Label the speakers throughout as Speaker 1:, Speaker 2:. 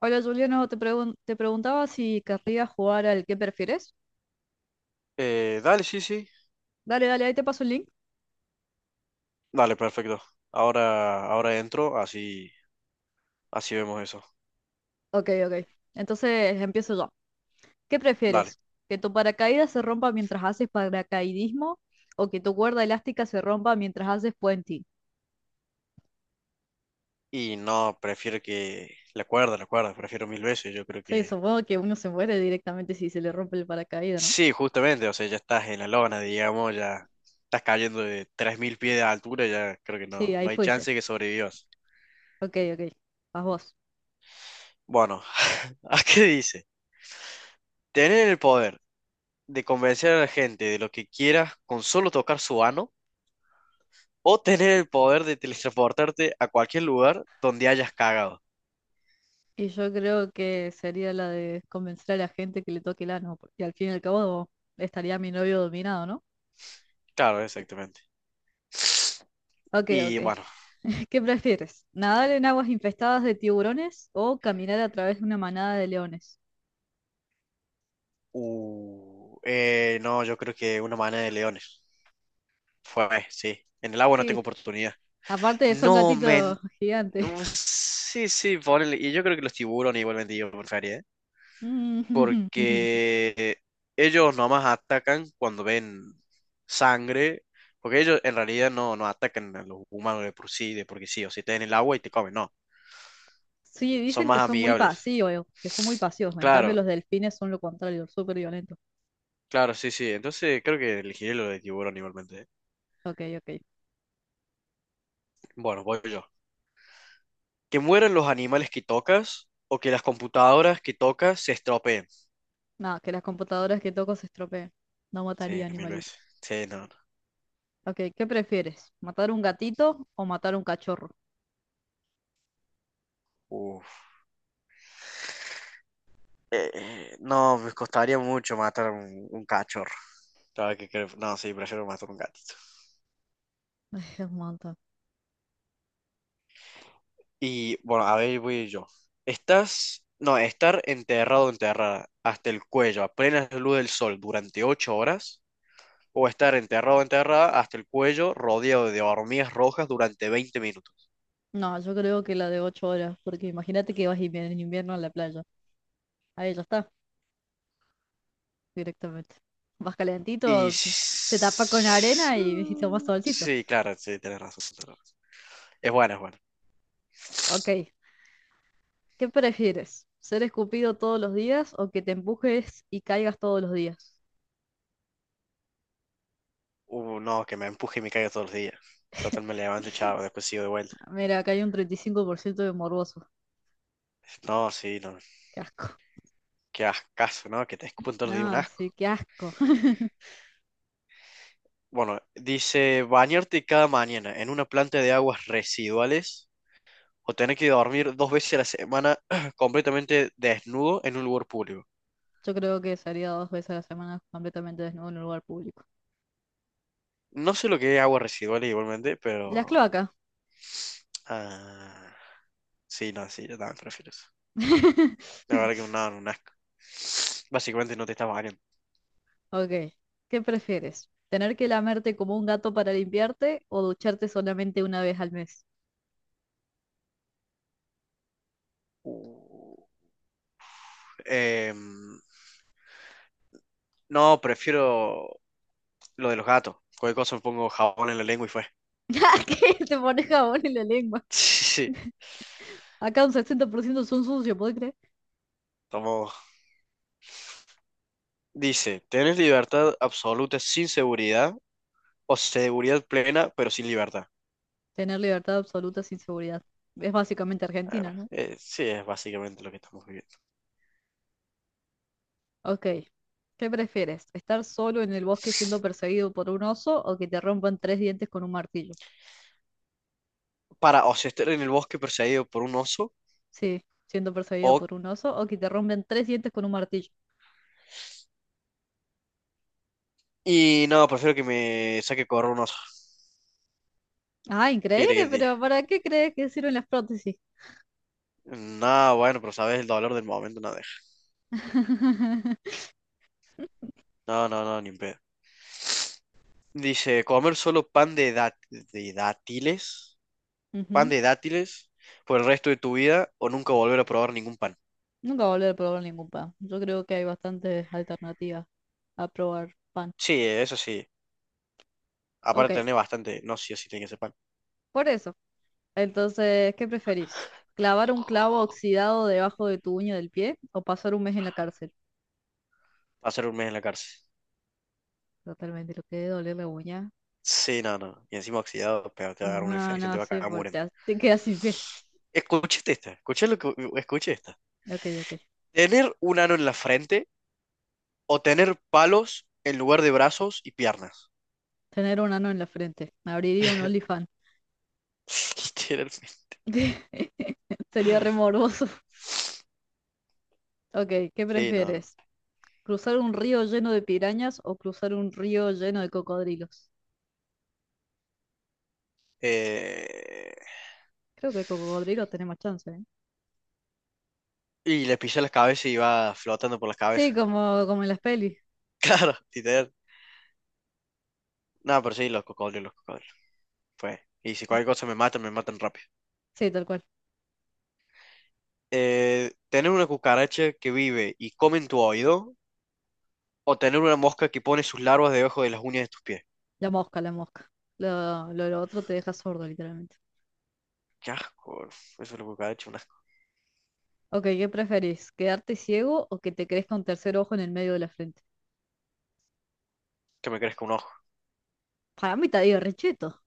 Speaker 1: Hola Juliano, te preguntaba si querrías jugar al ¿qué prefieres?
Speaker 2: Dale, sí, sí.
Speaker 1: Dale, dale, ahí te paso el link.
Speaker 2: Dale, perfecto. Ahora entro, así vemos eso.
Speaker 1: Ok, ok. Entonces empiezo yo. ¿Qué
Speaker 2: Dale.
Speaker 1: prefieres? ¿Que tu paracaídas se rompa mientras haces paracaidismo o que tu cuerda elástica se rompa mientras haces puenting?
Speaker 2: Y no, prefiero que la cuerda, prefiero mil veces. Yo creo
Speaker 1: Sí,
Speaker 2: que
Speaker 1: supongo que uno se muere directamente si se le rompe el paracaídas, ¿no?
Speaker 2: sí, justamente. O sea, ya estás en la lona, digamos, ya estás cayendo de 3.000 pies de altura. Ya creo que
Speaker 1: Sí,
Speaker 2: no,
Speaker 1: ahí
Speaker 2: no hay
Speaker 1: fuiste.
Speaker 2: chance que sobrevivas.
Speaker 1: Ok, ok. Vas vos.
Speaker 2: Bueno, ¿a qué dice? Tener el poder de convencer a la gente de lo que quieras con solo tocar su ano o tener el poder de teletransportarte a cualquier lugar donde hayas cagado.
Speaker 1: Y yo creo que sería la de convencer a la gente que le toque el ano, porque al fin y al cabo estaría mi novio dominado, ¿no?
Speaker 2: Claro, exactamente.
Speaker 1: Ok, ok.
Speaker 2: Y bueno,
Speaker 1: ¿Qué prefieres? ¿Nadar en aguas infestadas de tiburones o caminar a través de una manada de leones?
Speaker 2: no, yo creo que una manada de leones. Fue, sí. En el agua no tengo
Speaker 1: Sí,
Speaker 2: oportunidad.
Speaker 1: aparte son
Speaker 2: No, men.
Speaker 1: gatitos gigantes.
Speaker 2: No, sí, sí, ponele. Y yo creo que los tiburones igualmente yo prefería, ¿eh?
Speaker 1: Mm,
Speaker 2: Porque ellos nomás atacan cuando ven sangre. Porque ellos en realidad no atacan a los humanos de por sí, de porque sí, o si te en el agua y te comen, no.
Speaker 1: sí,
Speaker 2: Son
Speaker 1: dicen que
Speaker 2: más
Speaker 1: son muy
Speaker 2: amigables.
Speaker 1: pasivos, que son muy pasivos. En cambio,
Speaker 2: Claro,
Speaker 1: los delfines son lo contrario, súper violentos.
Speaker 2: claro, sí, sí. Entonces creo que elegiré lo de tiburón igualmente. ¿Eh?
Speaker 1: Ok, ok.
Speaker 2: Bueno, voy yo. Que mueran los animales que tocas o que las computadoras que tocas se estropeen.
Speaker 1: No, que las computadoras que toco se estropeen. No mataría
Speaker 2: Sí, mil veces.
Speaker 1: animalitos.
Speaker 2: Sí, no, no.
Speaker 1: Ok, ¿qué prefieres? ¿Matar un gatito o matar un cachorro?
Speaker 2: Uf. No, me costaría mucho matar un cachorro. No, sí, prefiero matar un gatito.
Speaker 1: Ay, es un montón.
Speaker 2: Y bueno, a ver, voy yo. Estás. No, estar enterrado o enterrada hasta el cuello a plena luz del sol durante 8 horas o estar enterrado, enterrada hasta el cuello, rodeado de hormigas rojas durante 20 minutos.
Speaker 1: No, yo creo que la de 8 horas, porque imagínate que vas en invierno a la playa. Ahí ya está, directamente. Vas
Speaker 2: Y
Speaker 1: calentito, te tapas con arena y, y tomas solcito.
Speaker 2: sí, claro, sí, tienes razón. Tienes razón. Es bueno, es bueno.
Speaker 1: Ok, ¿qué prefieres? ¿Ser escupido todos los días o que te empujes y caigas todos los días?
Speaker 2: No, que me empuje y me caiga todos los días. Total, me levanto, chavo, después sigo de vuelta.
Speaker 1: Mira, acá hay un 35% de morboso.
Speaker 2: No, sí, no.
Speaker 1: Qué asco.
Speaker 2: Qué ascaso, ¿no? Que te escupen todos los días un
Speaker 1: No,
Speaker 2: asco.
Speaker 1: sí, qué asco.
Speaker 2: Bueno, dice bañarte cada mañana en una planta de aguas residuales o tener que dormir dos veces a la semana completamente desnudo en un lugar público.
Speaker 1: Yo creo que salía 2 veces a la semana completamente desnudo en un lugar público.
Speaker 2: No sé lo que es aguas residuales igualmente,
Speaker 1: Las
Speaker 2: pero.
Speaker 1: cloacas.
Speaker 2: Ah, sí, no, sí, yo también prefiero eso. La verdad que un nado, un asco. Básicamente no te estás bañando.
Speaker 1: Ok, ¿qué prefieres? ¿Tener que lamerte como un gato para limpiarte o ducharte solamente una vez al mes?
Speaker 2: Uh, em, no, prefiero lo de los gatos. Cualquier cosa me pongo jabón en la lengua y fue.
Speaker 1: Que te pones jabón en la lengua.
Speaker 2: Sí, sí,
Speaker 1: Acá un 60% son sucios, ¿podés creer?
Speaker 2: tomo. Dice, ¿tenés libertad absoluta sin seguridad o seguridad plena pero sin libertad?
Speaker 1: Tener libertad absoluta sin seguridad. Es básicamente Argentina,
Speaker 2: Ah,
Speaker 1: ¿no?
Speaker 2: sí, es básicamente lo que estamos viviendo.
Speaker 1: Ok. ¿Qué prefieres? ¿Estar solo en el bosque siendo perseguido por un oso o que te rompan tres dientes con un martillo?
Speaker 2: Para, o sea, estar en el bosque perseguido por un oso.
Speaker 1: Sí, siendo perseguido
Speaker 2: O
Speaker 1: por un oso o que te rompan tres dientes con un martillo.
Speaker 2: Y no, prefiero que me saque correr un oso.
Speaker 1: Ah,
Speaker 2: ¿Qué quiere que
Speaker 1: increíble,
Speaker 2: te diga?
Speaker 1: pero ¿para qué crees que sirven las prótesis?
Speaker 2: No, bueno, pero sabes, el dolor del momento no deja. No, no, no, ni en pedo. Dice, comer solo pan
Speaker 1: Ujú.
Speaker 2: de dátiles por el resto de tu vida o nunca volver a probar ningún pan.
Speaker 1: Nunca volver a probar ningún pan. Yo creo que hay bastantes alternativas a probar pan.
Speaker 2: Sí, eso sí.
Speaker 1: Ok,
Speaker 2: Aparte tener bastante, no, sí o sí tiene que ser pan.
Speaker 1: por eso. Entonces, ¿qué preferís? ¿Clavar un clavo oxidado debajo de tu uña del pie o pasar un mes en la cárcel?
Speaker 2: Pasar un mes en la cárcel.
Speaker 1: Totalmente, lo que debe doler la uña.
Speaker 2: Sí, no, no. Y encima oxidado, pero te va a dar una
Speaker 1: No,
Speaker 2: infección,
Speaker 1: no
Speaker 2: te va a
Speaker 1: sé,
Speaker 2: cagar muriendo.
Speaker 1: te quedas sin pie.
Speaker 2: Escuché lo que escuché esta.
Speaker 1: Ok, ok.
Speaker 2: Tener un ano en la frente o tener palos en lugar de brazos y piernas.
Speaker 1: Tener un ano en la frente. Abriría un OnlyFans.
Speaker 2: Literalmente.
Speaker 1: Sería re morboso. Ok, ¿qué
Speaker 2: Sí, no.
Speaker 1: prefieres? ¿Cruzar un río lleno de pirañas o cruzar un río lleno de cocodrilos?
Speaker 2: Eh,
Speaker 1: Creo que cocodrilos tenemos chance, ¿eh?
Speaker 2: Y le pisa las cabezas y va flotando por las cabezas.
Speaker 1: Sí, como en las pelis.
Speaker 2: Claro, literal. No, pero sí, los cocodrilos, los cocodrilos. Pues, y si
Speaker 1: ¿No?
Speaker 2: cualquier cosa me matan rápido.
Speaker 1: Sí, tal cual.
Speaker 2: Tener una cucaracha que vive y come en tu oído, o tener una mosca que pone sus larvas debajo de las uñas de tus pies.
Speaker 1: La mosca, la mosca. Lo otro te deja sordo, literalmente.
Speaker 2: Qué asco. Eso es lo cucaracha, un asco.
Speaker 1: Ok, ¿qué preferís? ¿Quedarte ciego o que te crezca un tercer ojo en el medio de la frente?
Speaker 2: Que me crezca un ojo.
Speaker 1: Para mí te digo, recheto.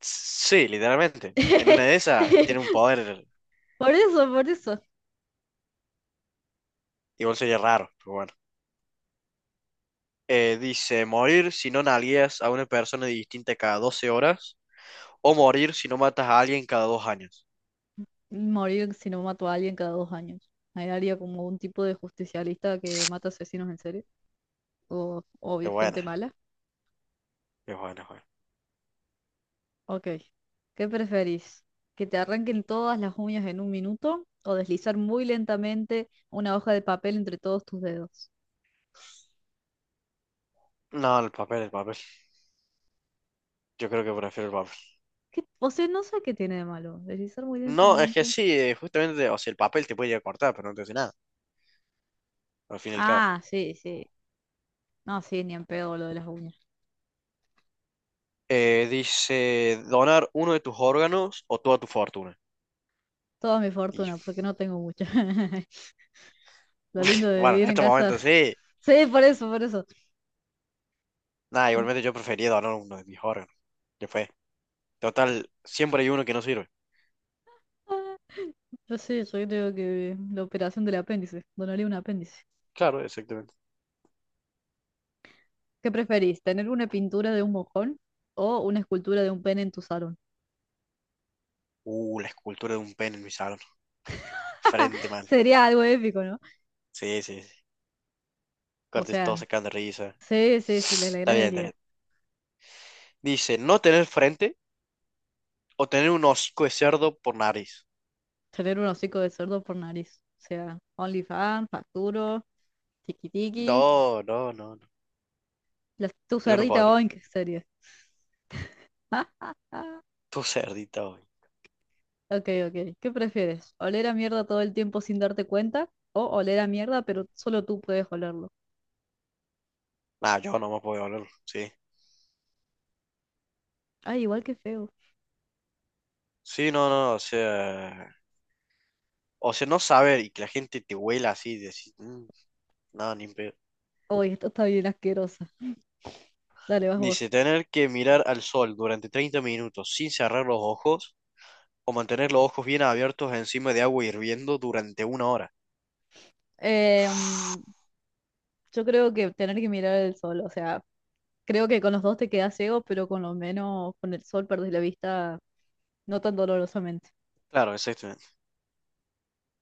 Speaker 2: Sí, literalmente. En una de esas tiene un poder.
Speaker 1: Por eso, por eso.
Speaker 2: Igual sería raro, pero bueno. Dice, morir si no nalgueas a una persona distinta cada 12 horas o morir si no matas a alguien cada 2 años.
Speaker 1: Morir si no mato a alguien cada 2 años. Ahí haría como un tipo de justicialista que mata asesinos en serie. O
Speaker 2: Es buena,
Speaker 1: gente mala.
Speaker 2: es buena, es buena.
Speaker 1: Ok. ¿Qué preferís? ¿Que te arranquen todas las uñas en un minuto? ¿O deslizar muy lentamente una hoja de papel entre todos tus dedos?
Speaker 2: No, el papel, el papel. Yo creo que prefiero el papel.
Speaker 1: ¿Qué? O sea, no sé qué tiene de malo. Deslizar muy
Speaker 2: No, es que
Speaker 1: lentamente.
Speaker 2: sí, justamente, o sea, el papel te puede llegar a cortar, pero no te hace nada, al fin y al cabo.
Speaker 1: Ah, sí, sí. No, sí, ni en pedo lo de las uñas.
Speaker 2: Dice, donar uno de tus órganos o toda tu fortuna.
Speaker 1: Toda mi
Speaker 2: Y
Speaker 1: fortuna, porque no tengo mucha. Lo lindo de
Speaker 2: bueno, en
Speaker 1: vivir en
Speaker 2: este
Speaker 1: casa.
Speaker 2: momento sí.
Speaker 1: Sí, por eso, por eso.
Speaker 2: Nada, igualmente yo prefería donar uno de mis órganos. Que fue. Total, siempre hay uno que no sirve.
Speaker 1: Ah, yo sí, yo creo que la operación del apéndice. Donaría un apéndice.
Speaker 2: Claro, exactamente.
Speaker 1: ¿Qué preferís? ¿Tener una pintura de un mojón o una escultura de un pene en tu salón?
Speaker 2: La escultura de un pene en mi salón. Frente, man.
Speaker 1: Sería algo épico, ¿no?
Speaker 2: Sí, sí, sí.
Speaker 1: O
Speaker 2: Cortes todos
Speaker 1: sea,
Speaker 2: sacando risa.
Speaker 1: sí, sí, sí, le
Speaker 2: Está
Speaker 1: alegras
Speaker 2: bien,
Speaker 1: el
Speaker 2: está
Speaker 1: día.
Speaker 2: bien. Dice, no tener frente o tener un hocico de cerdo por nariz.
Speaker 1: Tener un hocico de cerdo por nariz. O sea, OnlyFans, facturo. Tiquitiqui.
Speaker 2: No, no, no, no.
Speaker 1: La, tu
Speaker 2: Yo no
Speaker 1: cerdita
Speaker 2: podría.
Speaker 1: Boing, serie.
Speaker 2: Tú cerdita hoy.
Speaker 1: Ok, ok. ¿Qué prefieres? ¿Oler a mierda todo el tiempo sin darte cuenta? ¿O oler a mierda, pero solo tú puedes olerlo?
Speaker 2: Nah, yo no me puedo hablar. Sí.
Speaker 1: Ay, igual que feo.
Speaker 2: Sí, no, no, o sea. O sea, no saber y que la gente te huela así, decir, "Mm, no, ni en pedo".
Speaker 1: Uy, esto está bien asquerosa. Dale, vas vos.
Speaker 2: Dice, tener que mirar al sol durante 30 minutos sin cerrar los ojos o mantener los ojos bien abiertos encima de agua hirviendo durante 1 hora.
Speaker 1: Eh, mm, yo creo que tener que mirar el sol, o sea, creo que con los dos te quedas ciego, pero con lo menos con el sol perdés la vista no tan dolorosamente.
Speaker 2: Claro, exactamente.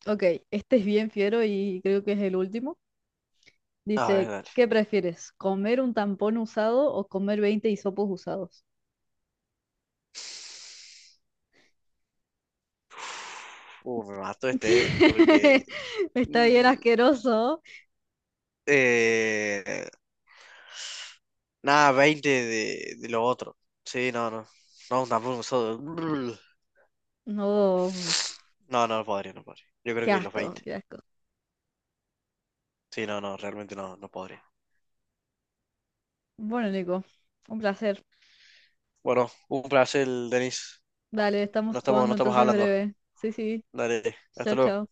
Speaker 1: Ok, este es bien fiero y creo que es el último.
Speaker 2: A ver,
Speaker 1: Dice,
Speaker 2: dale.
Speaker 1: ¿qué prefieres? ¿Comer un tampón usado o comer 20 hisopos usados?
Speaker 2: Me mató este, porque.
Speaker 1: Está bien
Speaker 2: mm,
Speaker 1: asqueroso.
Speaker 2: eh, Nada, 20 de lo otro. Sí, no, no. No, tampoco solo-
Speaker 1: No,
Speaker 2: No, no podría, no podría. Yo creo
Speaker 1: qué
Speaker 2: que los
Speaker 1: asco,
Speaker 2: 20.
Speaker 1: qué asco.
Speaker 2: Sí, no, no, realmente no podría.
Speaker 1: Bueno, Nico, un placer.
Speaker 2: Bueno, un placer, Denis.
Speaker 1: Dale, estamos
Speaker 2: No estamos, no
Speaker 1: jugando
Speaker 2: estamos
Speaker 1: entonces
Speaker 2: hablando.
Speaker 1: breve. Sí, sí.
Speaker 2: Dale, hasta
Speaker 1: Chao,
Speaker 2: luego.
Speaker 1: chao.